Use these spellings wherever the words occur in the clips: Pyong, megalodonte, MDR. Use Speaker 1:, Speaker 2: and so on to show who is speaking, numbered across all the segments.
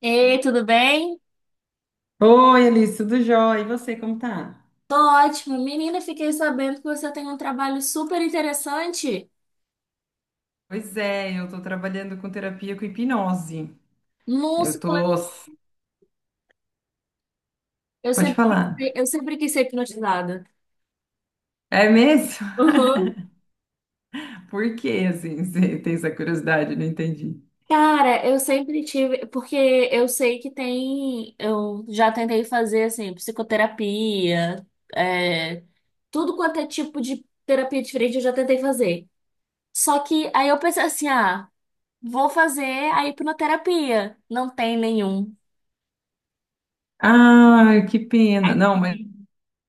Speaker 1: Ei, tudo bem?
Speaker 2: Oi, Alice, tudo jóia? E você, como tá?
Speaker 1: Tô ótimo. Menina, fiquei sabendo que você tem um trabalho super interessante.
Speaker 2: Pois é, eu tô trabalhando com terapia com hipnose.
Speaker 1: Nossa,
Speaker 2: Eu tô.
Speaker 1: eu
Speaker 2: Pode
Speaker 1: sempre quis
Speaker 2: falar.
Speaker 1: ser, eu sempre quis ser hipnotizada.
Speaker 2: É mesmo?
Speaker 1: Uhum.
Speaker 2: Por que, assim, você tem essa curiosidade? Não entendi.
Speaker 1: Cara, eu sempre tive, porque eu sei que tem, eu já tentei fazer assim, psicoterapia, é, tudo quanto é tipo de terapia diferente, eu já tentei fazer. Só que aí eu pensei assim, ah, vou fazer a hipnoterapia. Não tem nenhum.
Speaker 2: Ah, que pena. Não, mas
Speaker 1: Aqui.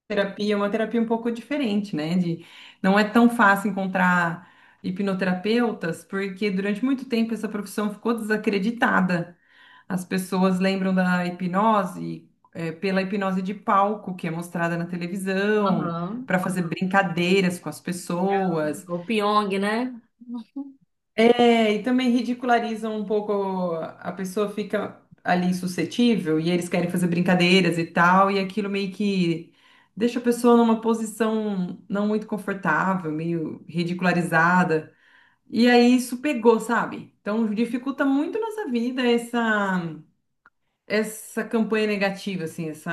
Speaker 2: terapia é uma terapia um pouco diferente, né? De... Não é tão fácil encontrar hipnoterapeutas, porque durante muito tempo essa profissão ficou desacreditada. As pessoas lembram da hipnose, pela hipnose de palco que é mostrada na televisão,
Speaker 1: Aham.
Speaker 2: para fazer brincadeiras com as pessoas.
Speaker 1: O Pyong, né?
Speaker 2: É, e também ridicularizam um pouco, a pessoa fica ali suscetível e eles querem fazer brincadeiras e tal, e aquilo meio que deixa a pessoa numa posição não muito confortável, meio ridicularizada. E aí isso pegou, sabe? Então dificulta muito nossa vida essa campanha negativa, assim, essa,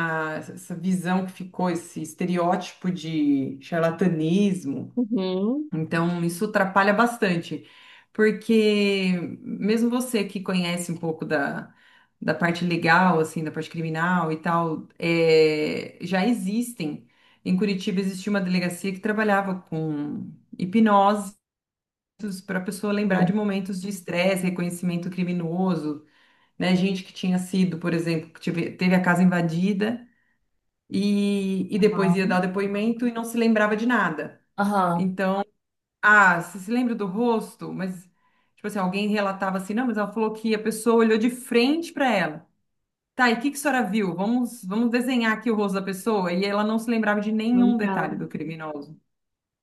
Speaker 2: essa visão que ficou, esse estereótipo de charlatanismo.
Speaker 1: Uhum.
Speaker 2: Então, isso atrapalha bastante, porque mesmo você que conhece um pouco da parte legal, assim, da parte criminal e tal, é, já existem. Em Curitiba existia uma delegacia que trabalhava com hipnoses para a pessoa lembrar de
Speaker 1: Bom.
Speaker 2: momentos de estresse, reconhecimento criminoso, né? Gente que tinha sido, por exemplo, teve a casa invadida e depois ia dar
Speaker 1: Aham.
Speaker 2: o depoimento e não se lembrava de nada.
Speaker 1: Aham.
Speaker 2: Então, ah, você se lembra do rosto? Mas, tipo assim, alguém relatava assim, não, mas ela falou que a pessoa olhou de frente para ela. Tá, e o que que a senhora viu? Vamos, vamos desenhar aqui o rosto da pessoa. E ela não se lembrava de nenhum
Speaker 1: Lembrava.
Speaker 2: detalhe do criminoso.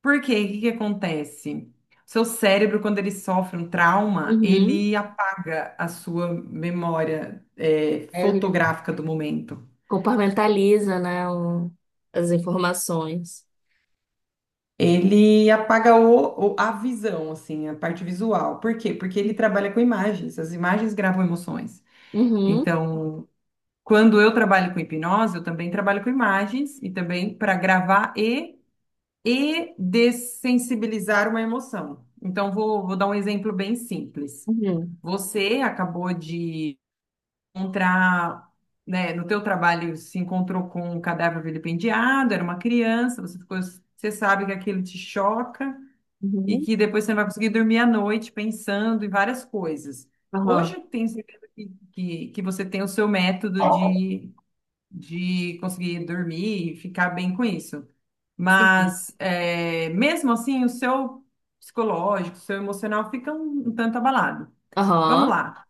Speaker 2: Por quê? O que que acontece? Seu cérebro, quando ele sofre um trauma,
Speaker 1: Uhum.
Speaker 2: ele apaga a sua memória, é,
Speaker 1: Aí ele
Speaker 2: fotográfica do momento.
Speaker 1: compartmentaliza, né, as informações.
Speaker 2: Ele apaga a visão, assim, a parte visual. Por quê? Porque ele trabalha com imagens. As imagens gravam emoções.
Speaker 1: Uhum.
Speaker 2: Então, quando eu trabalho com hipnose, eu também trabalho com imagens e também para gravar e dessensibilizar uma emoção. Então, vou dar um exemplo bem simples.
Speaker 1: Uhum.
Speaker 2: Você acabou de encontrar, né, no teu trabalho se encontrou com um cadáver vilipendiado, era uma criança, você ficou, você sabe que aquilo te choca e
Speaker 1: Uhum.
Speaker 2: que depois você não vai conseguir dormir à noite pensando em várias coisas. Hoje
Speaker 1: Aham.
Speaker 2: eu tenho certeza que você tem o seu método de conseguir dormir e ficar bem com isso.
Speaker 1: Sim.
Speaker 2: Mas é, mesmo assim, o seu psicológico, o seu emocional fica um tanto abalado. Vamos
Speaker 1: Aham.
Speaker 2: lá.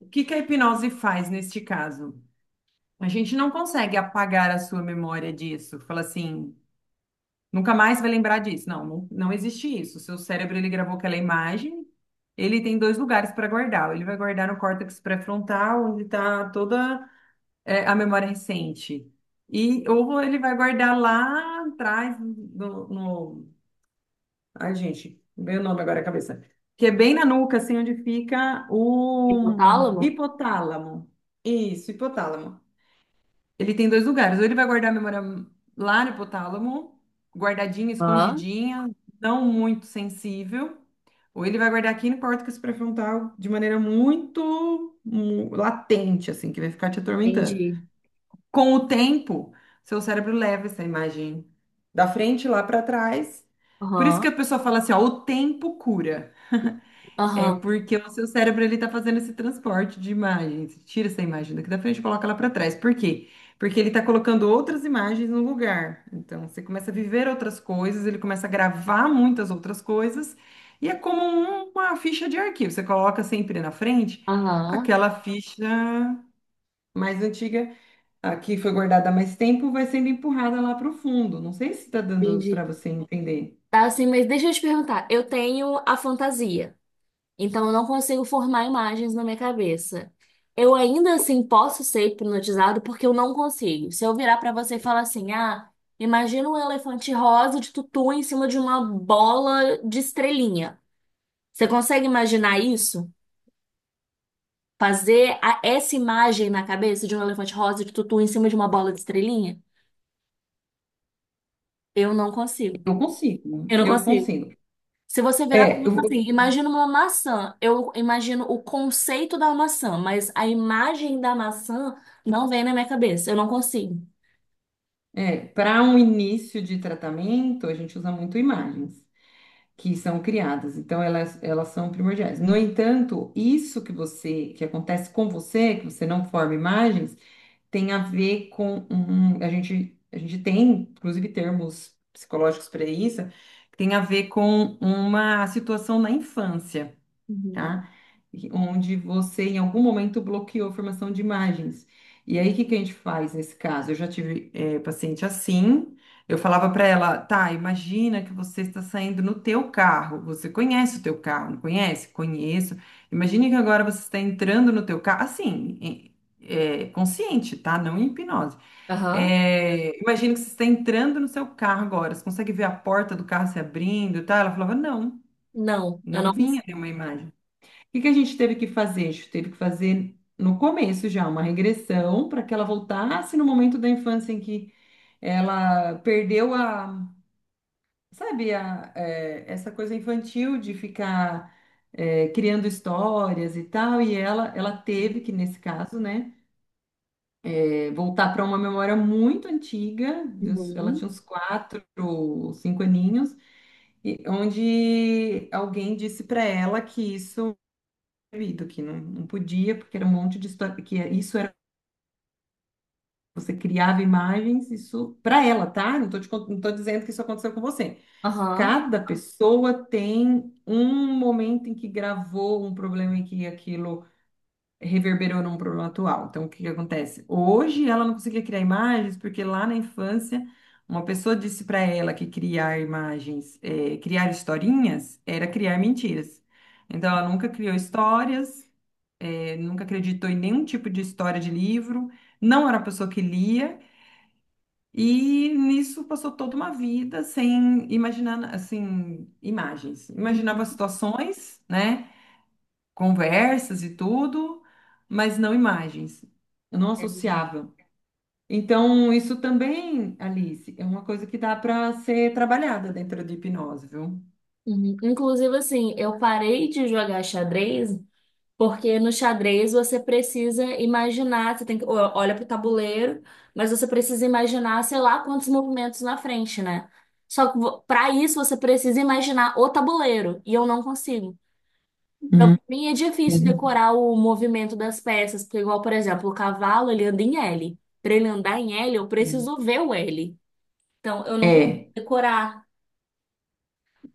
Speaker 2: O que que a hipnose faz neste caso? A gente não consegue apagar a sua memória disso. Fala assim, nunca mais vai lembrar disso. Não, não, não existe isso. O seu cérebro, ele gravou aquela imagem, ele tem dois lugares para guardar. Ele vai guardar no córtex pré-frontal, onde está toda a memória recente. E, ou ele vai guardar lá atrás, ai, gente, veio o nome agora à cabeça. Que é bem na nuca, assim, onde fica o
Speaker 1: Hipotálamo?
Speaker 2: hipotálamo. Isso, hipotálamo. Ele tem dois lugares. Ou ele vai guardar a memória lá no hipotálamo, guardadinha,
Speaker 1: Aham.
Speaker 2: escondidinha, não muito sensível. Ou ele vai guardar aqui no córtex pré-frontal de maneira muito latente, assim, que vai ficar te atormentando.
Speaker 1: Entendi.
Speaker 2: Com o tempo, seu cérebro leva essa imagem da frente lá para trás. Por isso que
Speaker 1: Aham.
Speaker 2: a pessoa fala assim, ó, o tempo cura. É
Speaker 1: Aham.
Speaker 2: porque o seu cérebro ele tá fazendo esse transporte de imagens. Tira essa imagem daqui da frente e coloca ela para trás. Por quê? Porque ele tá colocando outras imagens no lugar. Então, você começa a viver outras coisas, ele começa a gravar muitas outras coisas. E é como uma ficha de arquivo. Você coloca sempre na frente
Speaker 1: Aham.
Speaker 2: aquela ficha mais antiga a que foi guardada há mais tempo vai sendo empurrada lá para o fundo. Não sei se está dando para
Speaker 1: Entendi.
Speaker 2: você entender.
Speaker 1: Tá assim, mas deixa eu te perguntar. Eu tenho a fantasia. Então eu não consigo formar imagens na minha cabeça. Eu ainda assim posso ser hipnotizado porque eu não consigo. Se eu virar pra você e falar assim: "Ah, imagina um elefante rosa de tutu em cima de uma bola de estrelinha". Você consegue imaginar isso? Fazer essa imagem na cabeça de um elefante rosa de tutu em cima de uma bola de estrelinha? Eu não consigo.
Speaker 2: Eu consigo.
Speaker 1: Eu não
Speaker 2: Eu
Speaker 1: consigo.
Speaker 2: consigo.
Speaker 1: Se você virar para
Speaker 2: É,
Speaker 1: mim e falar assim,
Speaker 2: eu-
Speaker 1: imagina uma maçã. Eu imagino o conceito da maçã, mas a imagem da maçã não vem na minha cabeça. Eu não consigo.
Speaker 2: é, para um início de tratamento, a gente usa muito imagens que são criadas, então elas são primordiais. No entanto, isso que acontece com você, que você não forma imagens, tem a ver com um, a gente tem, inclusive, termos psicológicos para isso, que tem a ver com uma situação na infância.
Speaker 1: Uhum.
Speaker 2: Tá? E onde você, em algum momento, bloqueou a formação de imagens. E aí, o que que a gente faz nesse caso? Eu já tive paciente assim, eu falava para ela, tá, imagina que você está saindo no teu carro, você conhece o teu carro, não conhece? Conheço. Imagine que agora você está entrando no teu carro, assim, consciente, tá? Não em hipnose.
Speaker 1: Aham.
Speaker 2: Imagina que você está entrando no seu carro agora, você consegue ver a porta do carro se abrindo, tá? Ela falava, não,
Speaker 1: Não, eu
Speaker 2: não
Speaker 1: não
Speaker 2: vinha
Speaker 1: consigo.
Speaker 2: nenhuma imagem. O que que a gente teve que fazer? A gente teve que fazer no começo já uma regressão para que ela voltasse no momento da infância em que ela perdeu sabe, é, essa coisa infantil de ficar criando histórias e tal. E ela teve que, nesse caso, né, é, voltar para uma memória muito antiga. De uns- ela
Speaker 1: Uhum.
Speaker 2: tinha uns quatro, cinco aninhos, onde alguém disse para ela que isso proibido, que não, não podia, porque era um monte de história, que é, isso era, você criava imagens, isso para ela, tá? Não tô dizendo que isso aconteceu com você.
Speaker 1: Aham.
Speaker 2: Cada pessoa tem um momento em que gravou um problema e que aquilo reverberou num problema atual. Então, o que que acontece? Hoje ela não conseguia criar imagens porque lá na infância uma pessoa disse para ela que criar imagens, criar historinhas era criar mentiras. Então, ela nunca criou histórias, ele nunca acreditou em nenhum tipo de história de livro, não era a pessoa que lia, e nisso passou toda uma vida sem imaginar, assim, imagens. Imaginava situações, né, conversas e tudo, mas não imagens. Eu não
Speaker 1: É.
Speaker 2: associava. Então, isso também, Alice, é uma coisa que dá para ser trabalhada dentro de hipnose, viu?
Speaker 1: Uhum. Inclusive, assim, eu parei de jogar xadrez, porque no xadrez você precisa imaginar, você tem que, ó, olha pro tabuleiro, mas você precisa imaginar, sei lá, quantos movimentos na frente, né? Só que pra isso você precisa imaginar o tabuleiro, e eu não consigo. Então,
Speaker 2: Hum,
Speaker 1: pra mim é difícil decorar o movimento das peças, porque igual, por exemplo, o cavalo, ele anda em L. Pra ele andar em L, eu
Speaker 2: sim.
Speaker 1: preciso ver o L. Então, eu não consigo
Speaker 2: É.
Speaker 1: decorar.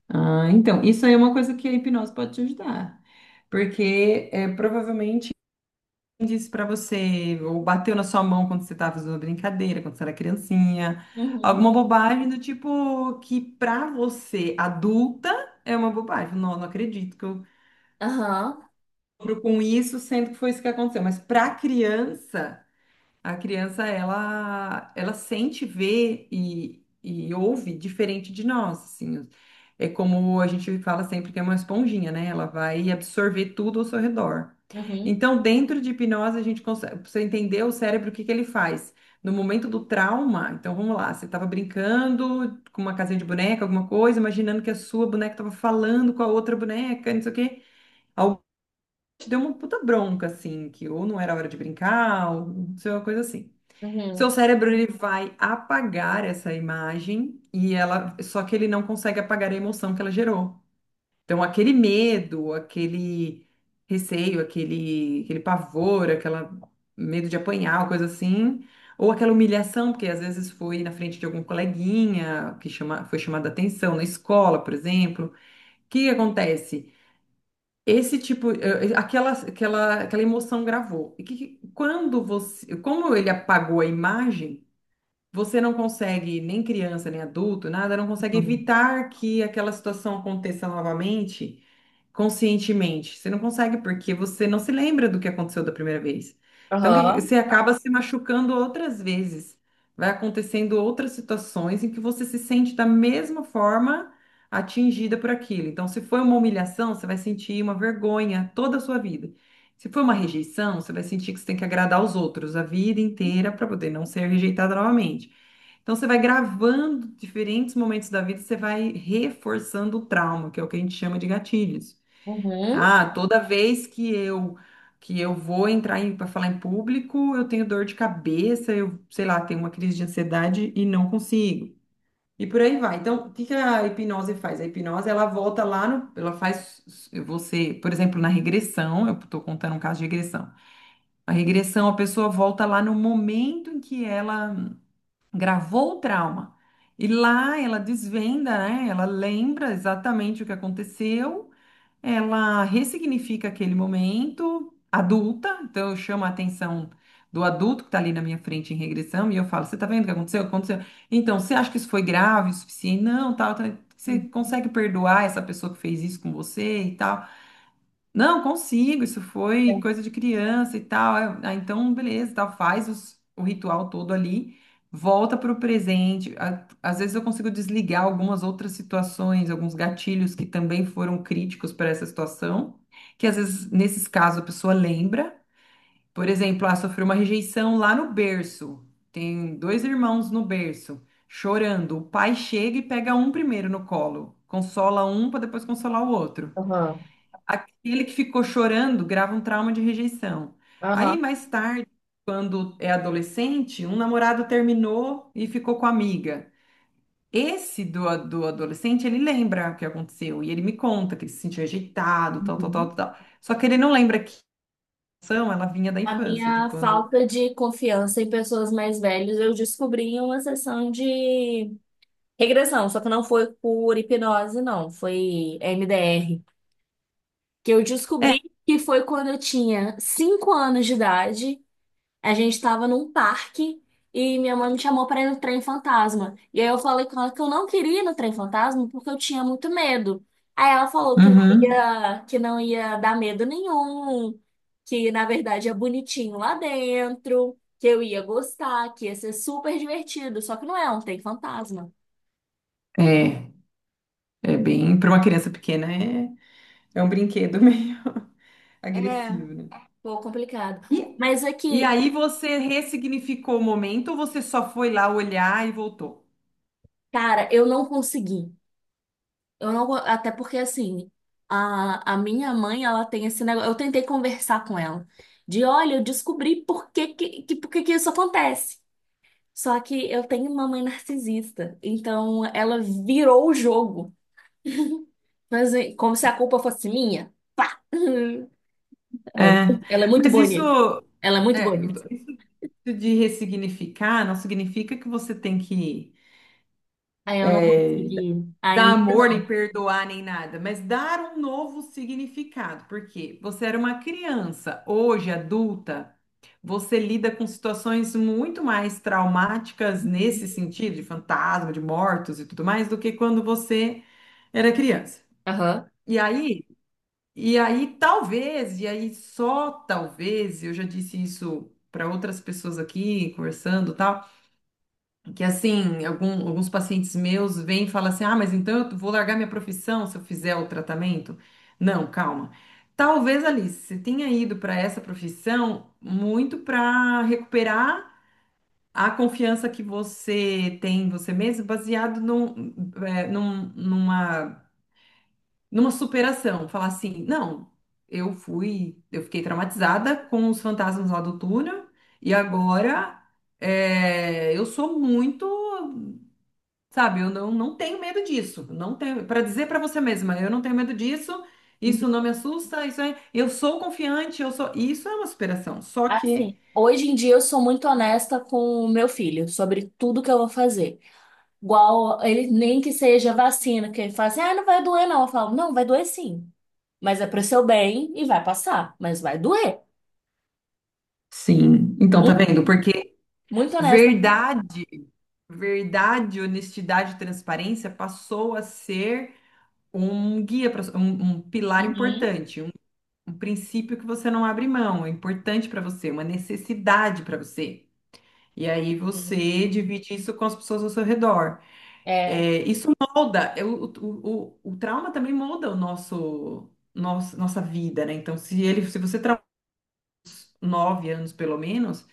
Speaker 2: Ah, então, isso aí é uma coisa que a hipnose pode te ajudar. Porque é, provavelmente quem disse pra você, ou bateu na sua mão quando você estava fazendo uma brincadeira, quando você era criancinha,
Speaker 1: Uhum.
Speaker 2: alguma bobagem do tipo que pra você, adulta, é uma bobagem. Não, não acredito que eu
Speaker 1: Aham.
Speaker 2: lembro com isso, sendo que foi isso que aconteceu. Mas pra criança. A criança, ela sente, vê e ouve diferente de nós, assim. É como a gente fala sempre que é uma esponjinha, né? Ela vai absorver tudo ao seu redor.
Speaker 1: Uhum.
Speaker 2: Então, dentro de hipnose, a gente consegue, pra você entender o cérebro, o que que ele faz? No momento do trauma, então vamos lá, você estava brincando com uma casinha de boneca, alguma coisa, imaginando que a sua boneca estava falando com a outra boneca, não sei o quê. Alguém te deu uma puta bronca, assim, que ou não era hora de brincar, ou não sei, uma coisa assim. Seu
Speaker 1: Uhum.
Speaker 2: cérebro ele vai apagar essa imagem e ela, só que ele não consegue apagar a emoção que ela gerou. Então, aquele medo, aquele receio, aquele pavor, aquela medo de apanhar, coisa assim, ou aquela humilhação, porque às vezes foi na frente de algum coleguinha que chama, foi chamada atenção na escola, por exemplo. O que que acontece? Esse tipo, aquela emoção gravou. E quando você, como ele apagou a imagem você não consegue, nem criança, nem adulto, nada, não consegue
Speaker 1: Aham. Uhum.
Speaker 2: evitar que aquela situação aconteça novamente conscientemente. Você não consegue porque você não se lembra do que aconteceu da primeira vez. Então,
Speaker 1: Aham.
Speaker 2: você acaba se machucando outras vezes. Vai acontecendo outras situações em que você se sente da mesma forma atingida por aquilo. Então, se foi uma humilhação, você vai sentir uma vergonha toda a sua vida. Se for uma rejeição, você vai sentir que você tem que agradar aos outros a vida inteira para poder não ser rejeitada novamente. Então você vai gravando diferentes momentos da vida, você vai reforçando o trauma, que é o que a gente chama de gatilhos.
Speaker 1: Uhum.
Speaker 2: Ah, toda vez que eu vou entrar para falar em público, eu tenho dor de cabeça, eu, sei lá, tenho uma crise de ansiedade e não consigo. E por aí vai. Então, o que que a hipnose faz? A hipnose, ela volta lá no, ela faz você, por exemplo, na regressão, eu estou contando um caso de regressão. A regressão, a pessoa volta lá no momento em que ela gravou o trauma. E lá ela desvenda, né? Ela lembra exatamente o que aconteceu, ela ressignifica aquele momento adulta, então eu chamo a atenção do adulto que está ali na minha frente em regressão e eu falo: Você tá vendo o que aconteceu? Aconteceu. Então, você acha que isso foi grave o suficiente? Não, tal, tal. Você consegue perdoar essa pessoa que fez isso com você e tal? Não, consigo, isso foi coisa de criança e tal. Aí, então, beleza, tal, faz o ritual todo ali, volta para o presente. Às vezes eu consigo desligar algumas outras situações, alguns gatilhos que também foram críticos para essa situação, que às vezes, nesses casos, a pessoa lembra. Por exemplo, sofreu uma rejeição lá no berço. Tem dois irmãos no berço, chorando. O pai chega e pega um primeiro no colo, consola um para depois consolar o outro.
Speaker 1: Uhum.
Speaker 2: Ele que ficou chorando grava um trauma de rejeição. Aí,
Speaker 1: Aham.
Speaker 2: mais tarde, quando é adolescente, um namorado terminou e ficou com a amiga. Do adolescente, ele lembra o que aconteceu e ele me conta que ele se sentiu rejeitado, tal, tal,
Speaker 1: Uhum.
Speaker 2: tal, tal. Só que ele não lembra que a rejeição, ela vinha da
Speaker 1: A
Speaker 2: infância, de
Speaker 1: minha
Speaker 2: quando.
Speaker 1: falta de confiança em pessoas mais velhas eu descobri em uma sessão de regressão, só que não foi por hipnose, não, foi MDR. Que eu descobri que foi quando eu tinha 5 anos de idade. A gente estava num parque e minha mãe me chamou para ir no trem fantasma. E aí eu falei com ela que eu não queria ir no trem fantasma porque eu tinha muito medo. Aí ela falou
Speaker 2: Uhum.
Speaker 1: que não ia dar medo nenhum, que na verdade é bonitinho lá dentro, que eu ia gostar, que ia ser super divertido. Só que não é um trem fantasma.
Speaker 2: É, é bem. Para uma criança pequena, é, é um brinquedo meio
Speaker 1: É.
Speaker 2: agressivo, né?
Speaker 1: Pô, complicado.
Speaker 2: E,
Speaker 1: Mas
Speaker 2: e
Speaker 1: aqui,
Speaker 2: aí você ressignificou o momento ou você só foi lá olhar e voltou?
Speaker 1: cara, eu não consegui. Eu não, go- Até porque assim, a minha mãe, ela tem esse negócio. Eu tentei conversar com ela de, olha, eu descobri por que que isso acontece. Só que eu tenho uma mãe narcisista, então ela virou o jogo, mas como se a culpa fosse minha. Pá! Ela é
Speaker 2: É,
Speaker 1: muito, ela é muito
Speaker 2: mas isso,
Speaker 1: bonita. Ela é muito
Speaker 2: é,
Speaker 1: bonita.
Speaker 2: isso de ressignificar não significa que você tem que
Speaker 1: Aí eu não
Speaker 2: é,
Speaker 1: consegui
Speaker 2: dar
Speaker 1: ainda
Speaker 2: amor, nem
Speaker 1: não.
Speaker 2: perdoar, nem nada, mas dar um novo significado, porque você era uma criança, hoje adulta, você lida com situações muito mais traumáticas
Speaker 1: Uhum.
Speaker 2: nesse sentido, de fantasma, de mortos e tudo mais, do que quando você era criança.
Speaker 1: Aham.
Speaker 2: E aí. E aí, talvez, e aí só talvez, eu já disse isso para outras pessoas aqui, conversando, e tal, que assim, alguns pacientes meus vêm e falam assim: "Ah, mas então eu vou largar minha profissão se eu fizer o tratamento?". Não, calma. Talvez, Alice, você tenha ido para essa profissão muito para recuperar a confiança que você tem em você mesmo, baseado num, numa numa superação, falar assim, não, eu fui, eu fiquei traumatizada com os fantasmas lá do túnel e agora eu sou muito, sabe, eu não, não tenho medo disso, não tenho, para dizer para você mesma, eu não tenho medo disso, isso não me assusta, isso é, eu sou confiante, eu sou, isso é uma superação, só que
Speaker 1: Assim, hoje em dia eu sou muito honesta com o meu filho sobre tudo que eu vou fazer. Igual ele nem que seja vacina, que ele fala assim, ah, não vai doer, não. Eu falo, não, vai doer sim. Mas é pro seu bem e vai passar, mas vai doer.
Speaker 2: sim, então tá
Speaker 1: Muito,
Speaker 2: vendo? Porque
Speaker 1: muito honesta.
Speaker 2: verdade, verdade, honestidade e transparência passou a ser um guia para um, um pilar
Speaker 1: Uhum,
Speaker 2: importante, um princípio que você não abre mão, é importante para você, uma necessidade para você. E aí
Speaker 1: uhum.
Speaker 2: você divide isso com as pessoas ao seu redor.
Speaker 1: É.
Speaker 2: É, isso molda, é, o trauma também molda o nossa vida, né? Então, se ele, se você trauma 9 anos pelo menos.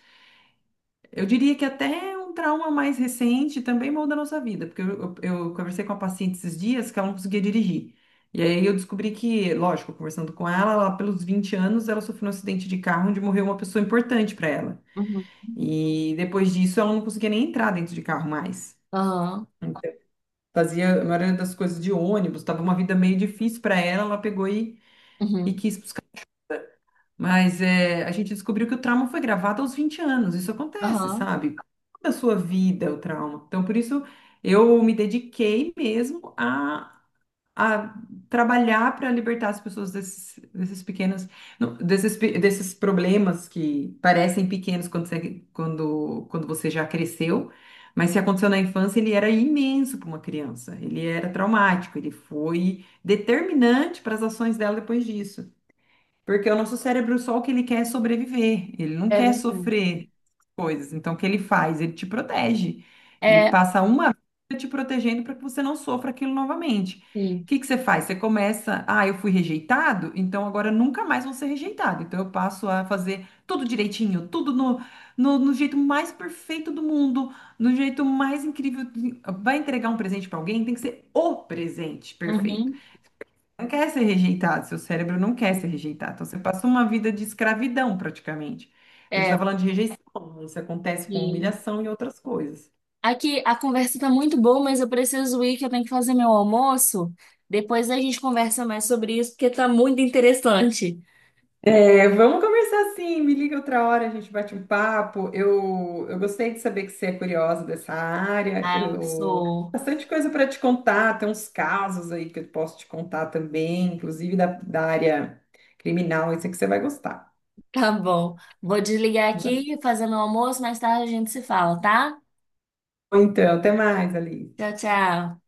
Speaker 2: Eu diria que até um trauma mais recente também muda a nossa vida, porque eu conversei com a paciente esses dias que ela não conseguia dirigir. E aí eu descobri que, lógico, conversando com ela, lá pelos 20 anos ela sofreu um acidente de carro onde morreu uma pessoa importante para ela.
Speaker 1: Uhum,
Speaker 2: E depois disso ela não conseguia nem entrar dentro de carro mais.
Speaker 1: aham.
Speaker 2: Então, fazia a maioria das coisas de ônibus, tava uma vida meio difícil para ela, ela pegou e
Speaker 1: Uhum.
Speaker 2: quis. Mas é, a gente descobriu que o trauma foi gravado aos 20 anos. Isso acontece,
Speaker 1: Aham.
Speaker 2: sabe? Toda a sua vida, é o trauma. Então, por isso, eu me dediquei mesmo a trabalhar para libertar as pessoas desses, desses pequenos, não, desses, desses problemas que parecem pequenos quando você, quando, quando você já cresceu. Mas se aconteceu na infância, ele era imenso para uma criança. Ele era traumático, ele foi determinante para as ações dela depois disso. Porque o nosso cérebro, é só o que ele quer é sobreviver, ele não
Speaker 1: É
Speaker 2: quer
Speaker 1: verdade.
Speaker 2: sofrer coisas. Então, o que ele faz? Ele te protege. Ele
Speaker 1: É,
Speaker 2: passa uma vida te protegendo para que você não sofra aquilo novamente.
Speaker 1: sim.
Speaker 2: O que que você faz? Você começa, ah, eu fui rejeitado, então agora eu nunca mais vou ser rejeitado. Então, eu passo a fazer tudo direitinho, tudo no, no jeito mais perfeito do mundo, no jeito mais incrível. Vai entregar um presente para alguém, tem que ser o presente perfeito,
Speaker 1: Uhum.
Speaker 2: não quer ser rejeitado, seu cérebro não quer ser rejeitado. Então, você passou uma vida de escravidão, praticamente. A gente está
Speaker 1: É,
Speaker 2: falando de rejeição, isso acontece com
Speaker 1: sim.
Speaker 2: humilhação e outras coisas.
Speaker 1: Aqui a conversa tá muito boa, mas eu preciso ir, que eu tenho que fazer meu almoço. Depois a gente conversa mais sobre isso, porque tá muito interessante.
Speaker 2: É, vamos conversar sim, me liga outra hora, a gente bate um papo. Eu gostei de saber que você é curiosa dessa área.
Speaker 1: Ah, eu
Speaker 2: Eu,
Speaker 1: sou.
Speaker 2: bastante coisa para te contar, tem uns casos aí que eu posso te contar também, inclusive da, da área criminal, isso que você vai gostar.
Speaker 1: Tá bom. Vou desligar
Speaker 2: Tá bom?
Speaker 1: aqui, fazendo o almoço, mais tarde a gente se fala, tá?
Speaker 2: Então, até mais, Alice.
Speaker 1: Tchau, tchau.